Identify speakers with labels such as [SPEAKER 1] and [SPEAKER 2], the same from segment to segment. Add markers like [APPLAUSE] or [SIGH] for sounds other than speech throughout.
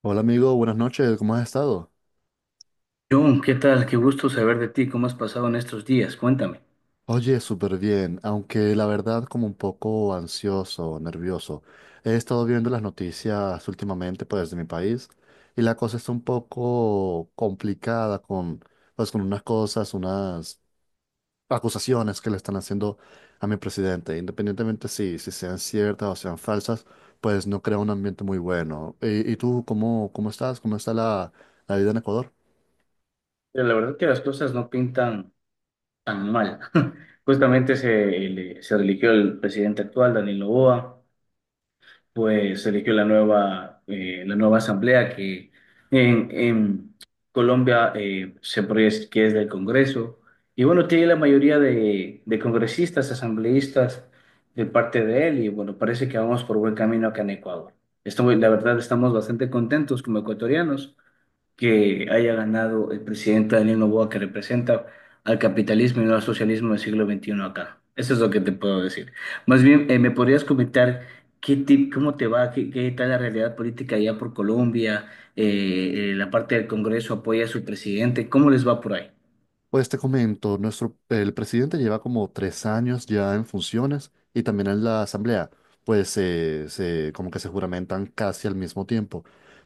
[SPEAKER 1] Hola amigo, buenas noches, ¿cómo has estado?
[SPEAKER 2] John, ¿qué tal? Qué gusto saber de ti. ¿Cómo has pasado en estos días? Cuéntame.
[SPEAKER 1] Oye, súper bien, aunque la verdad como un poco ansioso, nervioso. He estado viendo las noticias últimamente pues de mi país y la cosa está un poco complicada con pues con unas cosas, unas acusaciones que le están haciendo a mi presidente. Independientemente si sean ciertas o sean falsas, pues no crea un ambiente muy bueno. ¿Y tú cómo estás? ¿Cómo está la vida en Ecuador?
[SPEAKER 2] Pero la verdad que las cosas no pintan tan mal. [LAUGHS] Justamente se religió el presidente actual, Daniel Noboa. Pues se eligió la nueva asamblea que en Colombia, se proyecta que es del Congreso. Y bueno, tiene la mayoría de congresistas, asambleístas de parte de él y bueno, parece que vamos por buen camino acá en Ecuador. Estamos, la verdad, estamos bastante contentos como ecuatorianos que haya ganado el presidente Daniel Noboa que representa al capitalismo y no al socialismo del siglo XXI acá. Eso es lo que te puedo decir. Más bien, ¿me podrías comentar cómo te va, qué tal la realidad política allá por Colombia? La parte del Congreso apoya a su presidente. ¿Cómo les va por ahí?
[SPEAKER 1] Pues te comento, nuestro, el presidente lleva como 3 años ya en funciones y también en la asamblea, pues se, como que se juramentan casi al mismo tiempo.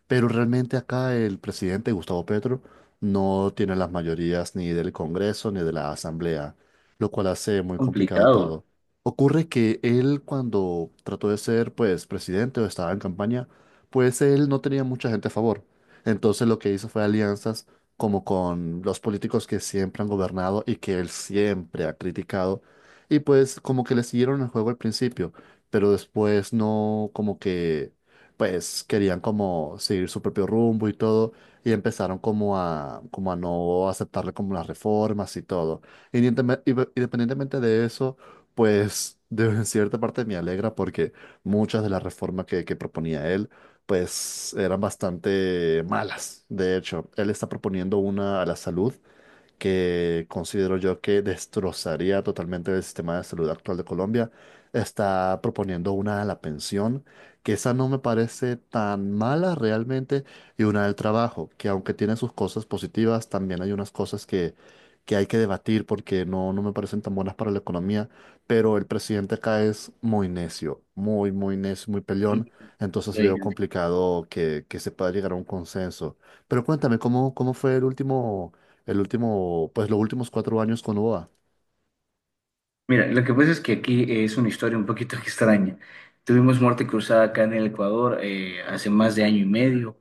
[SPEAKER 1] Pero realmente acá el presidente Gustavo Petro no tiene las mayorías ni del Congreso ni de la asamblea, lo cual hace muy complicado
[SPEAKER 2] Complicado.
[SPEAKER 1] todo. Ocurre que él cuando trató de ser pues presidente o estaba en campaña, pues él no tenía mucha gente a favor. Entonces lo que hizo fue alianzas como con los políticos que siempre han gobernado y que él siempre ha criticado. Y pues como que le siguieron el juego al principio, pero después no como que pues querían como seguir su propio rumbo y todo y empezaron como a como a no aceptarle como las reformas y todo. Independientemente de eso, pues [LAUGHS] de en cierta parte me alegra porque muchas de las reformas que proponía él pues eran bastante malas. De hecho, él está proponiendo una a la salud que considero yo que destrozaría totalmente el sistema de salud actual de Colombia, está proponiendo una a la pensión, que esa no me parece tan mala realmente, y una del trabajo, que aunque tiene sus cosas positivas, también hay unas cosas que hay que debatir porque no me parecen tan buenas para la economía, pero el presidente acá es muy necio, muy peleón, entonces veo
[SPEAKER 2] Ok.
[SPEAKER 1] complicado que se pueda llegar a un consenso. Pero cuéntame, ¿cómo, cómo fue el último, pues los últimos 4 años con UOA?
[SPEAKER 2] Mira, lo que pasa es que aquí es una historia un poquito [LAUGHS] extraña. Tuvimos muerte cruzada acá en el Ecuador, hace más de año y medio.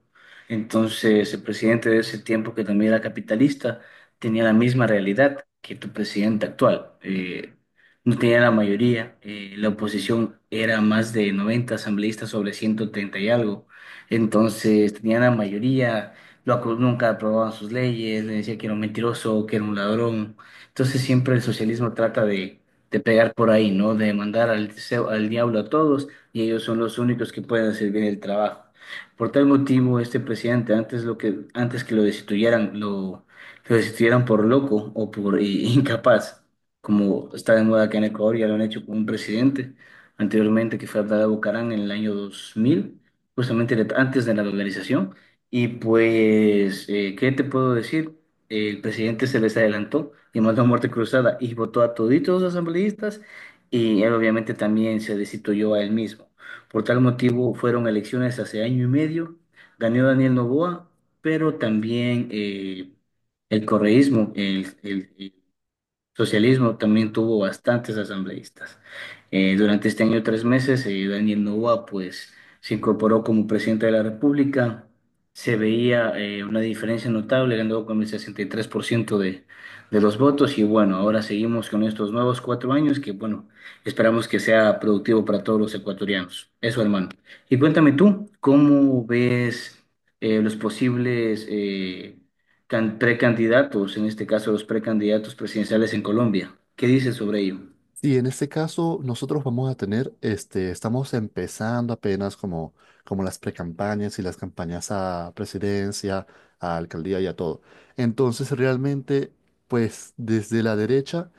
[SPEAKER 2] Entonces, el presidente de ese tiempo, que también era capitalista, tenía la misma realidad que tu presidente actual. No tenía la mayoría. La oposición era más de 90 asambleístas sobre 130 y algo. Entonces, tenían la mayoría. Nunca aprobaban sus leyes. Le decía que era un mentiroso, que era un ladrón. Entonces, siempre el socialismo trata de pegar por ahí, ¿no? De mandar al diablo a todos y ellos son los únicos que pueden hacer bien el trabajo. Por tal motivo, este presidente, antes, antes que lo destituyeran, lo destituyeran por loco o por [LAUGHS] incapaz, como está de moda acá en Ecuador, ya lo han hecho con un presidente anteriormente que fue Abdalá Bucarán en el año 2000, justamente antes de la dolarización. Y pues, ¿qué te puedo decir? El presidente se les adelantó y mandó a muerte cruzada y votó a toditos los asambleístas y él obviamente también se destituyó a él mismo. Por tal motivo fueron elecciones hace año y medio, ganó Daniel Noboa, pero también el correísmo, el socialismo también tuvo bastantes asambleístas. Durante este año 3 meses, Daniel Noboa pues, se incorporó como presidente de la República. Se veía, una diferencia notable, ganó con el 63% de los votos y bueno, ahora seguimos con estos nuevos 4 años que bueno, esperamos que sea productivo para todos los ecuatorianos. Eso, hermano. Y cuéntame tú, ¿cómo ves, los posibles precandidatos, en este caso los precandidatos presidenciales en Colombia? ¿Qué dices sobre ello?
[SPEAKER 1] Y en este caso, nosotros vamos a tener, este, estamos empezando apenas como, como las precampañas y las campañas a presidencia, a alcaldía y a todo. Entonces, realmente, pues desde la derecha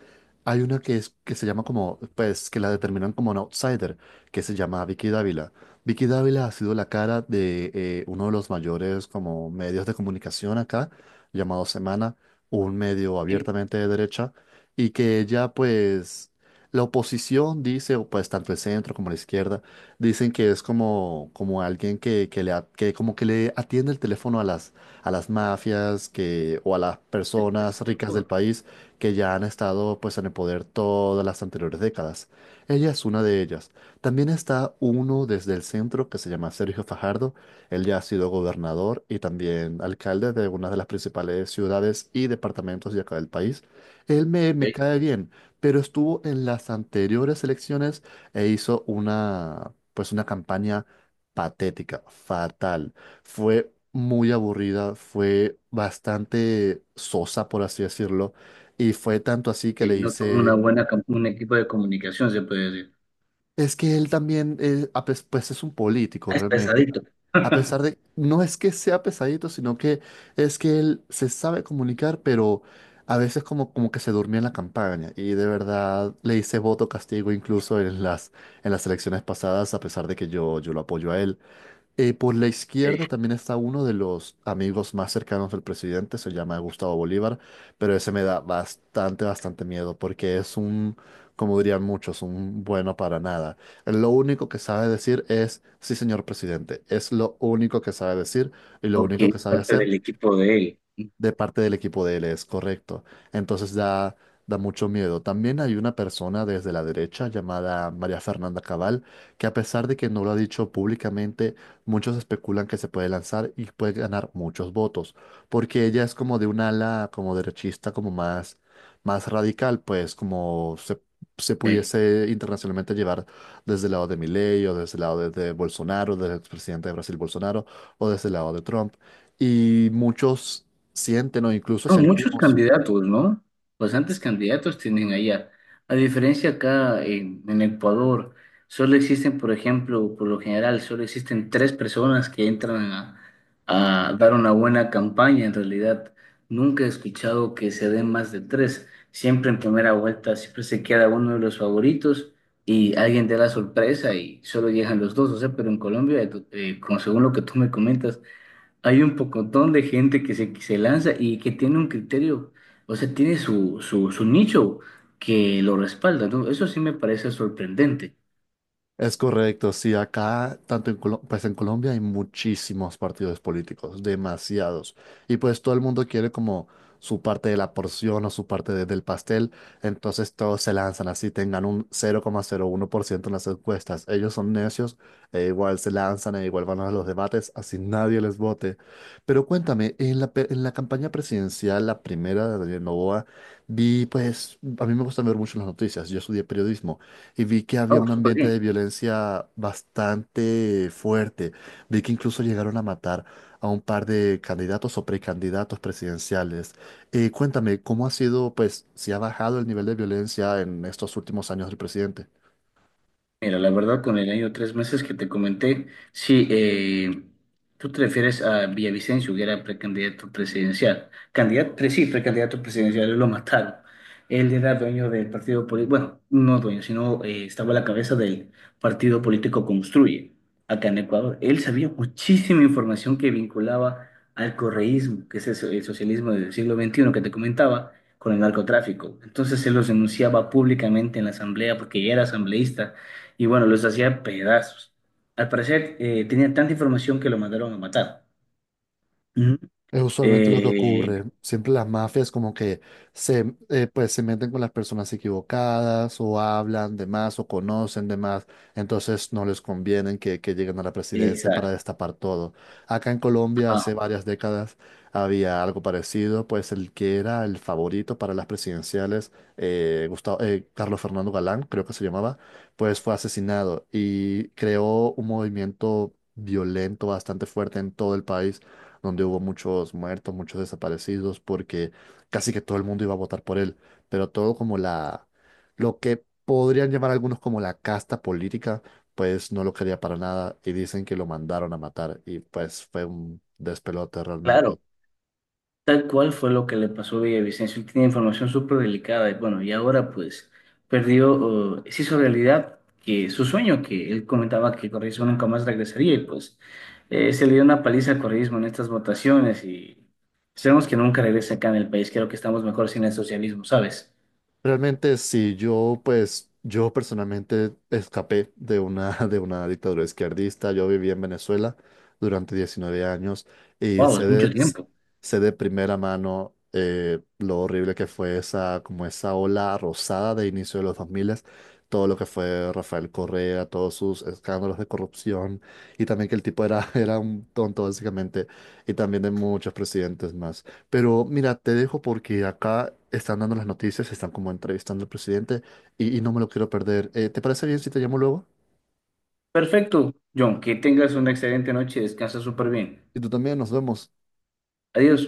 [SPEAKER 1] hay una que, es, que se llama como, pues que la determinan como un outsider, que se llama Vicky Dávila. Vicky Dávila ha sido la cara de uno de los mayores como medios de comunicación acá, llamado Semana, un medio
[SPEAKER 2] Sí,
[SPEAKER 1] abiertamente de derecha y que ella pues la oposición dice, o pues tanto el centro como la izquierda, dicen que es como, como alguien que le, a- que como que le atiende el teléfono a las mafias que, o a las
[SPEAKER 2] el
[SPEAKER 1] personas ricas del
[SPEAKER 2] PSPU,
[SPEAKER 1] país que ya han estado pues en el poder todas las anteriores décadas. Ella es una de ellas. También está uno desde el centro que se llama Sergio Fajardo. Él ya ha sido gobernador y también alcalde de una de las principales ciudades y departamentos de acá del país. Él me
[SPEAKER 2] eh,
[SPEAKER 1] cae bien pero estuvo en las anteriores elecciones e hizo una, pues una campaña patética, fatal. Fue muy aburrida, fue bastante sosa, por así decirlo, y fue tanto así que le
[SPEAKER 2] no tuvo una
[SPEAKER 1] hice
[SPEAKER 2] un equipo de comunicación, se puede decir.
[SPEAKER 1] es que él también, a pes- pues es un político
[SPEAKER 2] Ah, es
[SPEAKER 1] realmente.
[SPEAKER 2] pesadito.
[SPEAKER 1] A pesar
[SPEAKER 2] [LAUGHS]
[SPEAKER 1] de, no es que sea pesadito, sino que es que él se sabe comunicar, pero a veces como, como que se durmió en la campaña. Y de verdad le hice voto castigo incluso en las elecciones pasadas, a pesar de que yo lo apoyo a él. Por la
[SPEAKER 2] Eh,
[SPEAKER 1] izquierda también está uno de los amigos más cercanos del presidente, se llama Gustavo Bolívar, pero ese me da bastante, bastante miedo porque es un, como dirían muchos, un bueno para nada. Él lo único que sabe decir es, sí, señor presidente, es lo único que sabe decir y lo
[SPEAKER 2] Ok,
[SPEAKER 1] único que sabe
[SPEAKER 2] parte
[SPEAKER 1] hacer
[SPEAKER 2] del equipo de él.
[SPEAKER 1] de parte del equipo de él, es correcto. Entonces da mucho miedo. También hay una persona desde la derecha llamada María Fernanda Cabal, que a pesar de que no lo ha dicho públicamente, muchos especulan que se puede lanzar y puede ganar muchos votos, porque ella es como de un ala como derechista, como más, más radical, pues como se
[SPEAKER 2] Ok.
[SPEAKER 1] pudiese internacionalmente llevar desde el lado de Milei o desde el lado de Bolsonaro, del expresidente de Brasil Bolsonaro o desde el lado de Trump. Y muchos sienten o incluso
[SPEAKER 2] Son muchos
[SPEAKER 1] sentimos.
[SPEAKER 2] candidatos, ¿no? Bastantes candidatos tienen allá. A diferencia acá en Ecuador, solo existen, por ejemplo, por lo general, solo existen tres personas que entran a dar una buena campaña. En realidad, nunca he escuchado que se den más de tres. Siempre en primera vuelta, siempre se queda uno de los favoritos y alguien te da la sorpresa y solo llegan los dos. O sea, pero en Colombia, como según lo que tú me comentas, hay un pocotón de gente que se lanza y que tiene un criterio, o sea, tiene su nicho que lo respalda, ¿no? Eso sí me parece sorprendente.
[SPEAKER 1] Es correcto, sí, acá, tanto en Colo- pues en Colombia hay muchísimos partidos políticos, demasiados. Y pues todo el mundo quiere como su parte de la porción o su parte de- del pastel, entonces todos se lanzan así, tengan un 0,01% en las encuestas. Ellos son necios, e igual se lanzan e igual van a los debates, así nadie les vote. Pero cuéntame, en pe- en la campaña presidencial, la primera de Daniel Noboa, vi pues, a mí me gusta ver mucho las noticias, yo estudié periodismo y vi que había
[SPEAKER 2] Ah,
[SPEAKER 1] un
[SPEAKER 2] súper
[SPEAKER 1] ambiente
[SPEAKER 2] bien.
[SPEAKER 1] de violencia bastante fuerte. Vi que incluso llegaron a matar a un par de candidatos o precandidatos presidenciales. Cuéntame, ¿cómo ha sido, pues, si ha bajado el nivel de violencia en estos últimos años del presidente?
[SPEAKER 2] Mira, la verdad, con el año de 3 meses que te comenté, sí, tú te refieres a Villavicencio, que era precandidato presidencial. Sí, precandidato presidencial, lo mataron. Él era dueño del partido político, bueno, no dueño, sino, estaba a la cabeza del partido político Construye, acá en Ecuador. Él sabía muchísima información que vinculaba al correísmo, que es el socialismo del siglo XXI que te comentaba, con el narcotráfico. Entonces él los denunciaba públicamente en la asamblea porque ya era asambleísta y bueno, los hacía pedazos. Al parecer, tenía tanta información que lo mandaron a matar. Ujú.
[SPEAKER 1] Es usualmente lo que
[SPEAKER 2] Eh,
[SPEAKER 1] ocurre. Siempre las mafias como que se, pues, se meten con las personas equivocadas o hablan de más o conocen de más. Entonces no les conviene que lleguen a la presidencia para
[SPEAKER 2] exacto.
[SPEAKER 1] destapar todo. Acá en Colombia
[SPEAKER 2] Ah,
[SPEAKER 1] hace varias décadas había algo parecido, pues el que era el favorito para las presidenciales, Gustavo- Carlos Fernando Galán, creo que se llamaba, pues fue asesinado y creó un movimiento violento bastante fuerte en todo el país donde hubo muchos muertos, muchos desaparecidos, porque casi que todo el mundo iba a votar por él, pero todo como la, lo que podrían llamar algunos como la casta política, pues no lo quería para nada y dicen que lo mandaron a matar y pues fue un despelote
[SPEAKER 2] claro.
[SPEAKER 1] realmente.
[SPEAKER 2] Tal cual fue lo que le pasó a Villavicencio. Él tenía información súper delicada y bueno, y ahora pues perdió, se hizo realidad que su sueño, que él comentaba que Correísmo nunca más regresaría y pues, se le dio una paliza a Correísmo en estas votaciones y sabemos que nunca regresa acá en el país. Creo que estamos mejor sin el socialismo, ¿sabes?
[SPEAKER 1] Realmente sí, yo pues yo personalmente escapé de una, [LAUGHS] de una dictadura izquierdista, yo viví en Venezuela durante 19 años y
[SPEAKER 2] Wow, es mucho tiempo.
[SPEAKER 1] sé de primera mano lo horrible que fue esa, como esa ola rosada de inicio de los 2000, todo lo que fue Rafael Correa, todos sus escándalos de corrupción y también que el tipo era, [LAUGHS] era un tonto básicamente y también de muchos presidentes más. Pero mira, te dejo porque acá están dando las noticias, están como entrevistando al presidente y no me lo quiero perder. ¿Te parece bien si te llamo luego?
[SPEAKER 2] Perfecto, John, que tengas una excelente noche y descansa súper bien.
[SPEAKER 1] Y tú también, nos vemos.
[SPEAKER 2] Adiós.